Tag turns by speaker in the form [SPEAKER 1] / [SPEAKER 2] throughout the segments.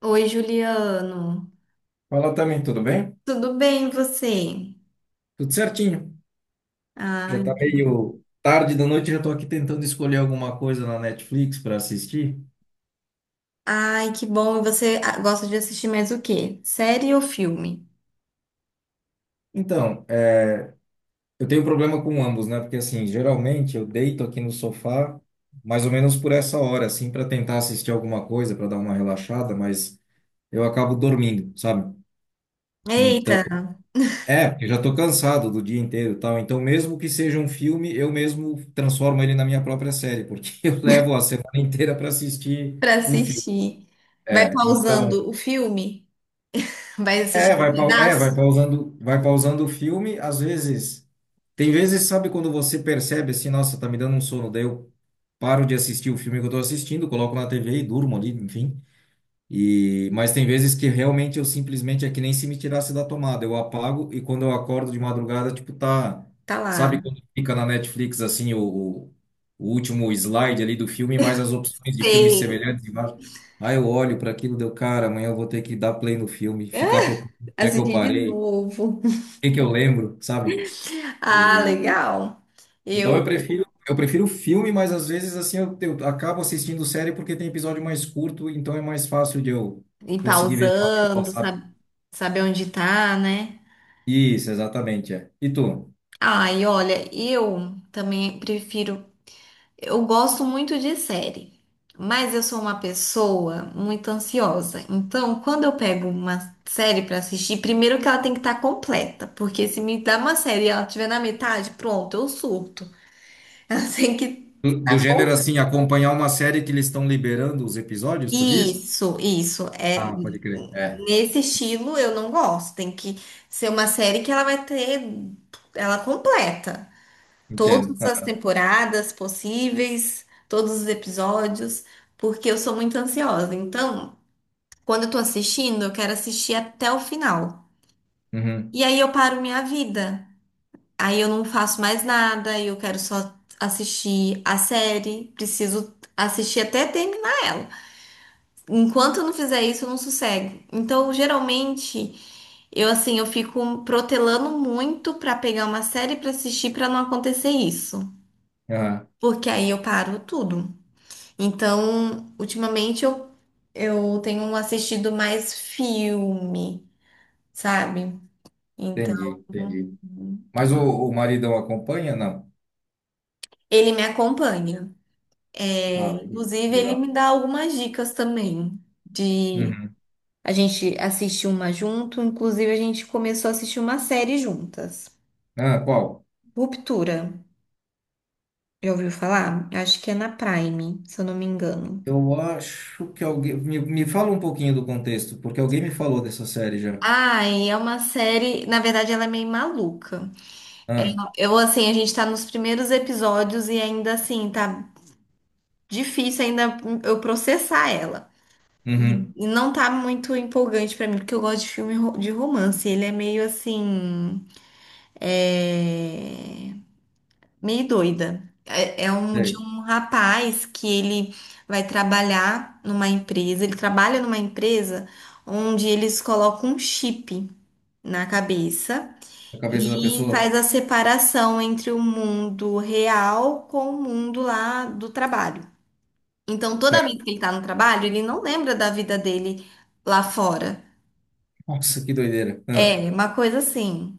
[SPEAKER 1] Oi, Juliano.
[SPEAKER 2] Fala também, tudo bem?
[SPEAKER 1] Tudo bem, e você?
[SPEAKER 2] Tudo certinho. Já
[SPEAKER 1] Ai,
[SPEAKER 2] tá meio tarde da noite, já tô aqui tentando escolher alguma coisa na Netflix para assistir.
[SPEAKER 1] ai, que bom. E você, ah, gosta de assistir mais o quê? Série ou filme?
[SPEAKER 2] Então, é, eu tenho um problema com ambos, né? Porque assim, geralmente eu deito aqui no sofá mais ou menos por essa hora, assim, para tentar assistir alguma coisa, para dar uma relaxada, mas eu acabo dormindo, sabe?
[SPEAKER 1] Eita,
[SPEAKER 2] Então, porque eu já tô cansado do dia inteiro, e tal. Então, mesmo que seja um filme, eu mesmo transformo ele na minha própria série, porque eu levo a semana inteira para assistir
[SPEAKER 1] pra
[SPEAKER 2] um filme.
[SPEAKER 1] assistir. Vai
[SPEAKER 2] É, então.
[SPEAKER 1] pausando o filme? Vai
[SPEAKER 2] É,
[SPEAKER 1] assistir um
[SPEAKER 2] vai, é,
[SPEAKER 1] pedaço?
[SPEAKER 2] vai pausando o filme, às vezes. Tem vezes, sabe, quando você percebe assim, nossa, tá me dando um sono, daí eu paro de assistir o filme que eu tô assistindo, coloco na TV e durmo ali, enfim. E, mas tem vezes que realmente eu simplesmente é que nem se me tirasse da tomada. Eu apago e quando eu acordo de madrugada, tipo, tá.
[SPEAKER 1] Tá
[SPEAKER 2] Sabe
[SPEAKER 1] lá.
[SPEAKER 2] quando fica na Netflix assim o, o último slide ali do filme, mais as opções de filmes
[SPEAKER 1] Sei.
[SPEAKER 2] semelhantes embaixo? Aí eu olho para aquilo, deu, cara, amanhã eu vou ter que dar play no filme, ficar
[SPEAKER 1] É,
[SPEAKER 2] procurando onde é que eu
[SPEAKER 1] assistir de
[SPEAKER 2] parei, o
[SPEAKER 1] novo.
[SPEAKER 2] que que eu lembro, sabe?
[SPEAKER 1] Ah,
[SPEAKER 2] E,
[SPEAKER 1] legal.
[SPEAKER 2] então
[SPEAKER 1] Eu
[SPEAKER 2] eu prefiro. Eu prefiro filme, mas às vezes assim eu acabo assistindo série porque tem episódio mais curto, então é mais fácil de eu
[SPEAKER 1] ir
[SPEAKER 2] conseguir ver de uma vez só,
[SPEAKER 1] pausando,
[SPEAKER 2] sabe?
[SPEAKER 1] sabe, saber onde tá, né?
[SPEAKER 2] Isso, exatamente, é. E tu?
[SPEAKER 1] Ai, olha, eu também prefiro. Eu gosto muito de série, mas eu sou uma pessoa muito ansiosa. Então, quando eu pego uma série pra assistir, primeiro que ela tem que estar completa, porque se me dá uma série e ela estiver na metade, pronto, eu surto. Ela tem que
[SPEAKER 2] Do
[SPEAKER 1] estar
[SPEAKER 2] gênero
[SPEAKER 1] completa.
[SPEAKER 2] assim, acompanhar uma série que eles estão liberando os episódios, tu diz?
[SPEAKER 1] Isso, isso. É,
[SPEAKER 2] Ah, pode crer. É,
[SPEAKER 1] nesse estilo eu não gosto. Tem que ser uma série que ela vai ter ela completa.
[SPEAKER 2] entendo.
[SPEAKER 1] Todas as
[SPEAKER 2] Ah,
[SPEAKER 1] temporadas possíveis, todos os episódios, porque eu sou muito ansiosa. Então, quando eu tô assistindo, eu quero assistir até o final.
[SPEAKER 2] uhum,
[SPEAKER 1] E aí eu paro minha vida. Aí eu não faço mais nada, eu quero só assistir a série, preciso assistir até terminar ela. Enquanto eu não fizer isso, eu não sossego. Então, geralmente, eu assim, eu fico protelando muito pra pegar uma série pra assistir pra não acontecer isso,
[SPEAKER 2] aham,
[SPEAKER 1] porque aí eu paro tudo. Então, ultimamente eu tenho assistido mais filme, sabe? Então,
[SPEAKER 2] entendi, entendi. Mas o maridão acompanha? Não.
[SPEAKER 1] ele me acompanha. É,
[SPEAKER 2] Ah, legal.
[SPEAKER 1] inclusive, ele
[SPEAKER 2] Legal.
[SPEAKER 1] me dá algumas dicas também de
[SPEAKER 2] Uhum.
[SPEAKER 1] a gente assistir uma junto. Inclusive, a gente começou a assistir uma série juntas.
[SPEAKER 2] Ah, qual?
[SPEAKER 1] Ruptura. Já ouviu falar? Acho que é na Prime, se eu não me engano.
[SPEAKER 2] Eu acho que alguém. Me fala um pouquinho do contexto, porque alguém me falou dessa série já.
[SPEAKER 1] Ai, é uma série. Na verdade, ela é meio maluca.
[SPEAKER 2] Ah,
[SPEAKER 1] Eu, assim, a gente tá nos primeiros episódios e ainda assim, tá difícil ainda eu processar ela. E
[SPEAKER 2] uhum.
[SPEAKER 1] e não tá muito empolgante pra mim, porque eu gosto de filme de romance. Ele é meio assim. É, meio doida. É, um de
[SPEAKER 2] Sei.
[SPEAKER 1] um rapaz que ele vai trabalhar numa empresa. Ele trabalha numa empresa onde eles colocam um chip na cabeça.
[SPEAKER 2] A cabeça da
[SPEAKER 1] E
[SPEAKER 2] pessoa?
[SPEAKER 1] faz a separação entre o mundo real com o mundo lá do trabalho. Então, toda vez
[SPEAKER 2] Certo.
[SPEAKER 1] que ele tá no trabalho, ele não lembra da vida dele lá fora.
[SPEAKER 2] Nossa, que doideira. Ah,
[SPEAKER 1] É, uma coisa assim.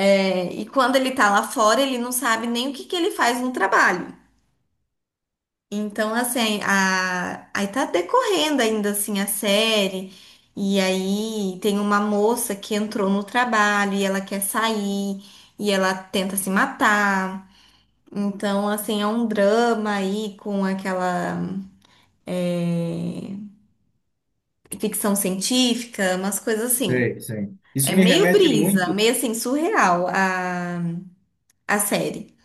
[SPEAKER 1] É, e quando ele tá lá fora, ele não sabe nem o que que ele faz no trabalho. Então, assim, aí tá decorrendo ainda assim a série. E aí tem uma moça que entrou no trabalho e ela quer sair e ela tenta se matar. Então, assim, é um drama aí com aquela é, ficção científica, umas coisas assim.
[SPEAKER 2] sei, sei. Isso
[SPEAKER 1] É
[SPEAKER 2] me
[SPEAKER 1] meio
[SPEAKER 2] remete
[SPEAKER 1] brisa,
[SPEAKER 2] muito.
[SPEAKER 1] meio assim, surreal a série.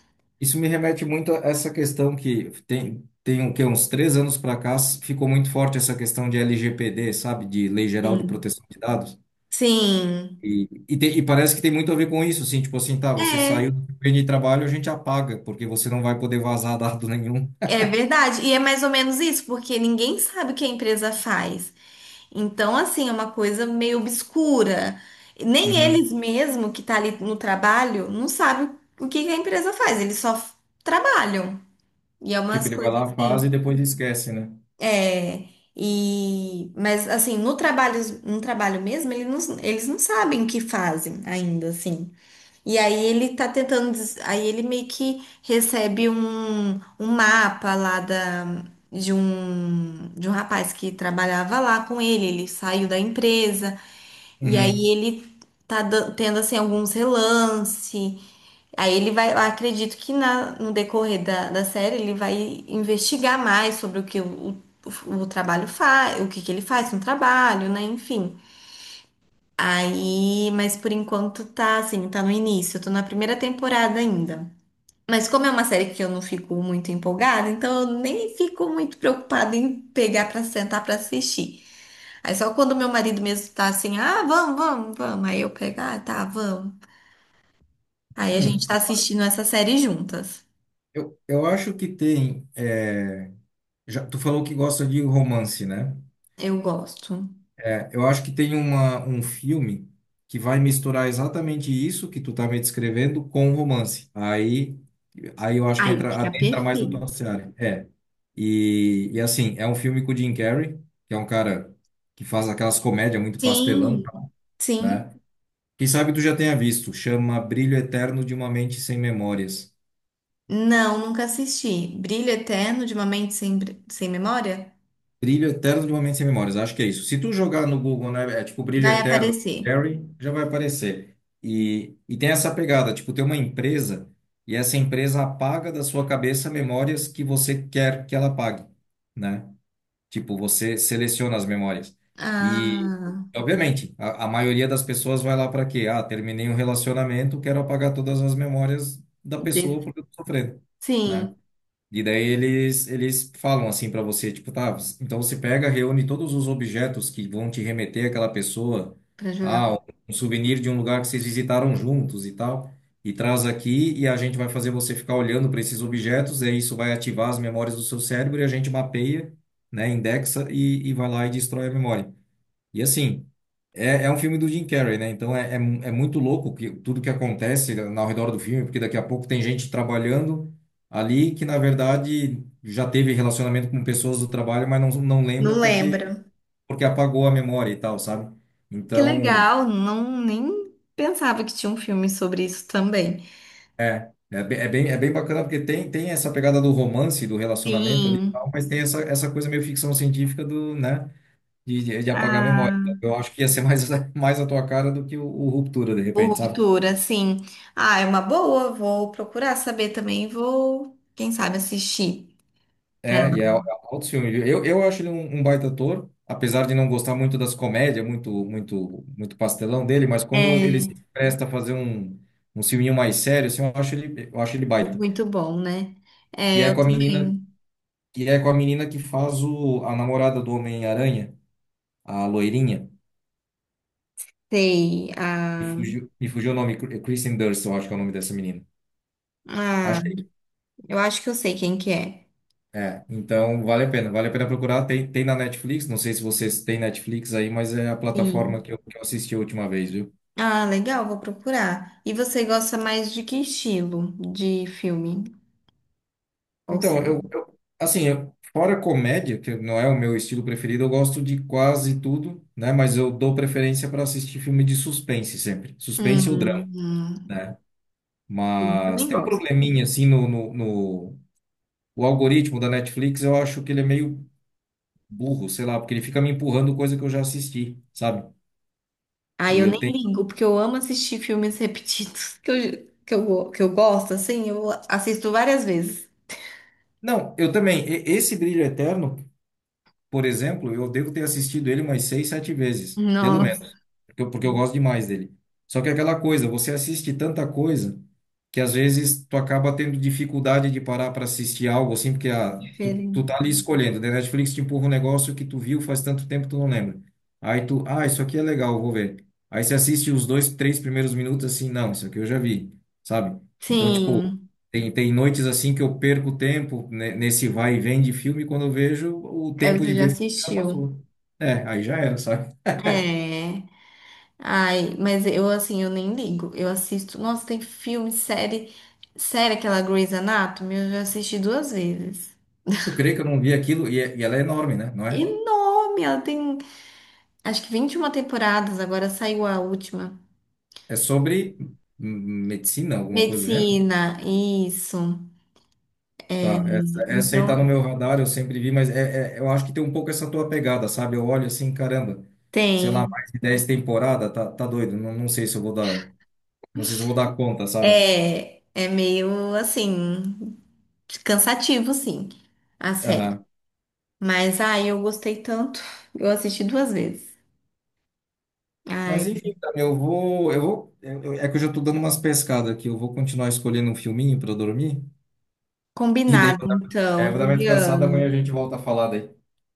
[SPEAKER 2] Isso me remete muito a essa questão que tem, tem o quê? Uns três anos para cá ficou muito forte essa questão de LGPD, sabe? De Lei Geral de
[SPEAKER 1] Sim.
[SPEAKER 2] Proteção de Dados.
[SPEAKER 1] Sim,
[SPEAKER 2] E parece que tem muito a ver com isso, assim, tipo assim, tá, você saiu
[SPEAKER 1] é,
[SPEAKER 2] do ambiente de trabalho, a gente apaga, porque você não vai poder vazar dado nenhum.
[SPEAKER 1] é verdade. E é mais ou menos isso, porque ninguém sabe o que a empresa faz. Então, assim, é uma coisa meio obscura. Nem
[SPEAKER 2] Uhum.
[SPEAKER 1] eles mesmo que tá ali no trabalho não sabem o que que a empresa faz, eles só trabalham. E é
[SPEAKER 2] Tipo,
[SPEAKER 1] umas
[SPEAKER 2] ele vai
[SPEAKER 1] coisas
[SPEAKER 2] lá, faz e
[SPEAKER 1] assim.
[SPEAKER 2] depois esquece, né?
[SPEAKER 1] É, e, mas assim, no trabalho mesmo, eles não sabem o que fazem ainda, assim. E aí ele tá tentando, aí ele meio que recebe um mapa lá de um rapaz que trabalhava lá com ele, ele saiu da empresa. E aí
[SPEAKER 2] Uhum.
[SPEAKER 1] ele tá tendo assim alguns relance. Aí ele vai, eu acredito que no decorrer da série ele vai investigar mais sobre o que o trabalho faz, o que que ele faz no trabalho, né? Enfim. Aí, mas por enquanto tá assim, tá no início, eu tô na primeira temporada ainda. Mas como é uma série que eu não fico muito empolgada, então eu nem fico muito preocupada em pegar pra sentar pra assistir. Aí só quando meu marido mesmo tá assim, ah, vamos, vamos, vamos. Aí eu pego, ah, tá, vamos. Aí a
[SPEAKER 2] Hum,
[SPEAKER 1] gente tá assistindo essa série juntas.
[SPEAKER 2] eu acho que tem. É, já, tu falou que gosta de romance, né?
[SPEAKER 1] Eu gosto.
[SPEAKER 2] É, eu acho que tem uma, um filme que vai misturar exatamente isso que tu tá me descrevendo com romance. Aí, aí eu acho que
[SPEAKER 1] Aí
[SPEAKER 2] entra,
[SPEAKER 1] fica
[SPEAKER 2] adentra mais na tua
[SPEAKER 1] perfeito.
[SPEAKER 2] seara. É. E assim, é um filme com o Jim Carrey, que é um cara que faz aquelas comédias muito pastelão,
[SPEAKER 1] Sim, sim.
[SPEAKER 2] né? Quem sabe tu já tenha visto, chama Brilho Eterno de uma Mente Sem Memórias.
[SPEAKER 1] Não, nunca assisti. Brilho Eterno de uma Mente Sem Memória?
[SPEAKER 2] Brilho Eterno de Momentos Sem Memórias, acho que é isso. Se tu jogar no Google, né, é tipo Brilho
[SPEAKER 1] Vai
[SPEAKER 2] Eterno
[SPEAKER 1] aparecer.
[SPEAKER 2] Harry, já vai aparecer. E tem essa pegada, tipo, tem uma empresa e essa empresa apaga da sua cabeça memórias que você quer que ela apague, né? Tipo, você seleciona as memórias. E,
[SPEAKER 1] Ah,
[SPEAKER 2] obviamente, a maioria das pessoas vai lá para quê? Ah, terminei um relacionamento, quero apagar todas as memórias da pessoa
[SPEAKER 1] de-
[SPEAKER 2] porque eu tô sofrendo,
[SPEAKER 1] sim,
[SPEAKER 2] né? E daí eles falam assim pra você, tipo, tá, você- então você pega, reúne todos os objetos que vão te remeter àquela pessoa,
[SPEAKER 1] pra jogar.
[SPEAKER 2] ah, um souvenir de um lugar que vocês visitaram juntos e tal, e traz aqui e a gente vai fazer você ficar olhando para esses objetos, e aí isso vai ativar as memórias do seu cérebro e a gente mapeia, né, indexa e vai lá e destrói a memória. E assim, é, é um filme do Jim Carrey, né? Então é, é, é muito louco que, tudo que acontece ao redor do filme, porque daqui a pouco tem gente trabalhando ali que, na verdade, já teve relacionamento com pessoas do trabalho, mas não, não lembra
[SPEAKER 1] Não lembro.
[SPEAKER 2] porque apagou a memória e tal, sabe?
[SPEAKER 1] Que
[SPEAKER 2] Então,
[SPEAKER 1] legal, não nem pensava que tinha um filme sobre isso também.
[SPEAKER 2] é, é, é bem bacana porque tem, tem essa pegada do romance, do relacionamento ali e tal,
[SPEAKER 1] Sim.
[SPEAKER 2] mas tem essa, essa coisa meio ficção científica do, né? De, de apagar a memória.
[SPEAKER 1] Ah.
[SPEAKER 2] Eu acho que ia ser mais, mais a tua cara do que o Ruptura, de
[SPEAKER 1] O
[SPEAKER 2] repente, sabe?
[SPEAKER 1] Ruptura, sim. Ah, é uma boa. Vou procurar saber também. Vou, quem sabe, assistir. pra-
[SPEAKER 2] É, e é
[SPEAKER 1] ela.
[SPEAKER 2] outro filme. Viu? Eu acho ele um, um baita ator, apesar de não gostar muito das comédias, muito, muito, muito pastelão dele, mas quando ele
[SPEAKER 1] É
[SPEAKER 2] se presta a fazer um, um filminho mais sério, assim, eu acho ele baita.
[SPEAKER 1] muito bom, né?
[SPEAKER 2] E é com a menina,
[SPEAKER 1] Bem,
[SPEAKER 2] e é com a menina que faz a namorada do Homem-Aranha, a loirinha.
[SPEAKER 1] sei. Ah,
[SPEAKER 2] Me fugiu o nome, Kristen Dunst, eu acho que é o nome dessa menina.
[SPEAKER 1] ah,
[SPEAKER 2] Acho que é.
[SPEAKER 1] eu acho que eu sei quem que é.
[SPEAKER 2] É, então vale a pena procurar. Tem, tem na Netflix, não sei se vocês têm Netflix aí, mas é a plataforma
[SPEAKER 1] Sim.
[SPEAKER 2] que que eu assisti a última vez, viu?
[SPEAKER 1] Ah, legal, vou procurar. E você gosta mais de que estilo de filme ou
[SPEAKER 2] Então,
[SPEAKER 1] série?
[SPEAKER 2] assim, fora comédia, que não é o meu estilo preferido, eu gosto de quase tudo, né? Mas eu dou preferência para assistir filme de suspense sempre. Suspense ou drama,
[SPEAKER 1] Hum, hum,
[SPEAKER 2] né?
[SPEAKER 1] sim,
[SPEAKER 2] Mas
[SPEAKER 1] também
[SPEAKER 2] tem um
[SPEAKER 1] gosto.
[SPEAKER 2] probleminha, assim, o algoritmo da Netflix, eu acho que ele é meio burro, sei lá, porque ele fica me empurrando coisa que eu já assisti, sabe?
[SPEAKER 1] Ah,
[SPEAKER 2] E
[SPEAKER 1] eu
[SPEAKER 2] eu
[SPEAKER 1] nem
[SPEAKER 2] tenho.
[SPEAKER 1] ligo, porque eu amo assistir filmes repetidos que eu gosto, assim, eu assisto várias vezes.
[SPEAKER 2] Não, eu também. Esse Brilho Eterno, por exemplo, eu devo ter assistido ele umas seis, sete vezes, pelo
[SPEAKER 1] Nossa,
[SPEAKER 2] menos. Porque eu gosto demais dele. Só que é aquela coisa, você assiste tanta coisa que às vezes tu acaba tendo dificuldade de parar para assistir algo assim, porque ah, tu
[SPEAKER 1] diferente.
[SPEAKER 2] tá ali escolhendo, né? Netflix te empurra um negócio que tu viu faz tanto tempo que tu não lembra. Aí tu, ah, isso aqui é legal, vou ver. Aí você assiste os dois, três primeiros minutos assim, não, isso aqui eu já vi, sabe? Então, tipo,
[SPEAKER 1] Sim,
[SPEAKER 2] tem, tem noites assim que eu perco tempo né, nesse vai e vem de filme, quando eu vejo, o
[SPEAKER 1] é,
[SPEAKER 2] tempo de
[SPEAKER 1] você já
[SPEAKER 2] ver filme já
[SPEAKER 1] assistiu.
[SPEAKER 2] passou. É, aí já era, sabe?
[SPEAKER 1] É. Ai, mas eu assim, eu nem ligo. Eu assisto. Nossa, tem filme, série. Série, aquela Grey's Anatomy, eu já assisti duas vezes.
[SPEAKER 2] Tu crê que eu não vi aquilo? E ela é enorme, né? Não é?
[SPEAKER 1] Enorme! Ela tem acho que 21 temporadas, agora saiu a última.
[SPEAKER 2] É sobre hum, medicina, alguma coisa do gênero?
[SPEAKER 1] Medicina, isso.
[SPEAKER 2] Tá, essa aí tá no
[SPEAKER 1] Então,
[SPEAKER 2] meu radar, eu sempre vi, mas eu acho que tem um pouco essa tua pegada, sabe? Eu olho assim, caramba, sei lá,
[SPEAKER 1] tem.
[SPEAKER 2] mais de 10 temporadas, tá, tá doido, não, não sei se eu vou dar, não sei se eu vou dar conta, sabe?
[SPEAKER 1] É, meio assim, cansativo, sim. A série.
[SPEAKER 2] Aham.
[SPEAKER 1] Mas, ai, eu gostei tanto. Eu assisti duas vezes.
[SPEAKER 2] Mas
[SPEAKER 1] Ai,
[SPEAKER 2] enfim, cara, eu vou, é que eu já tô dando umas pescadas aqui, eu vou continuar escolhendo um filminho pra eu dormir, e daí
[SPEAKER 1] combinado
[SPEAKER 2] vou dar, é,
[SPEAKER 1] então,
[SPEAKER 2] vou dar uma descansada, amanhã
[SPEAKER 1] Juliano.
[SPEAKER 2] a gente volta a falar daí.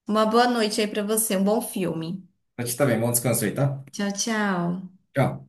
[SPEAKER 1] Uma boa noite aí pra você, um bom filme.
[SPEAKER 2] Pra ti também, bom descanso aí, tá?
[SPEAKER 1] Tchau, tchau.
[SPEAKER 2] Tchau.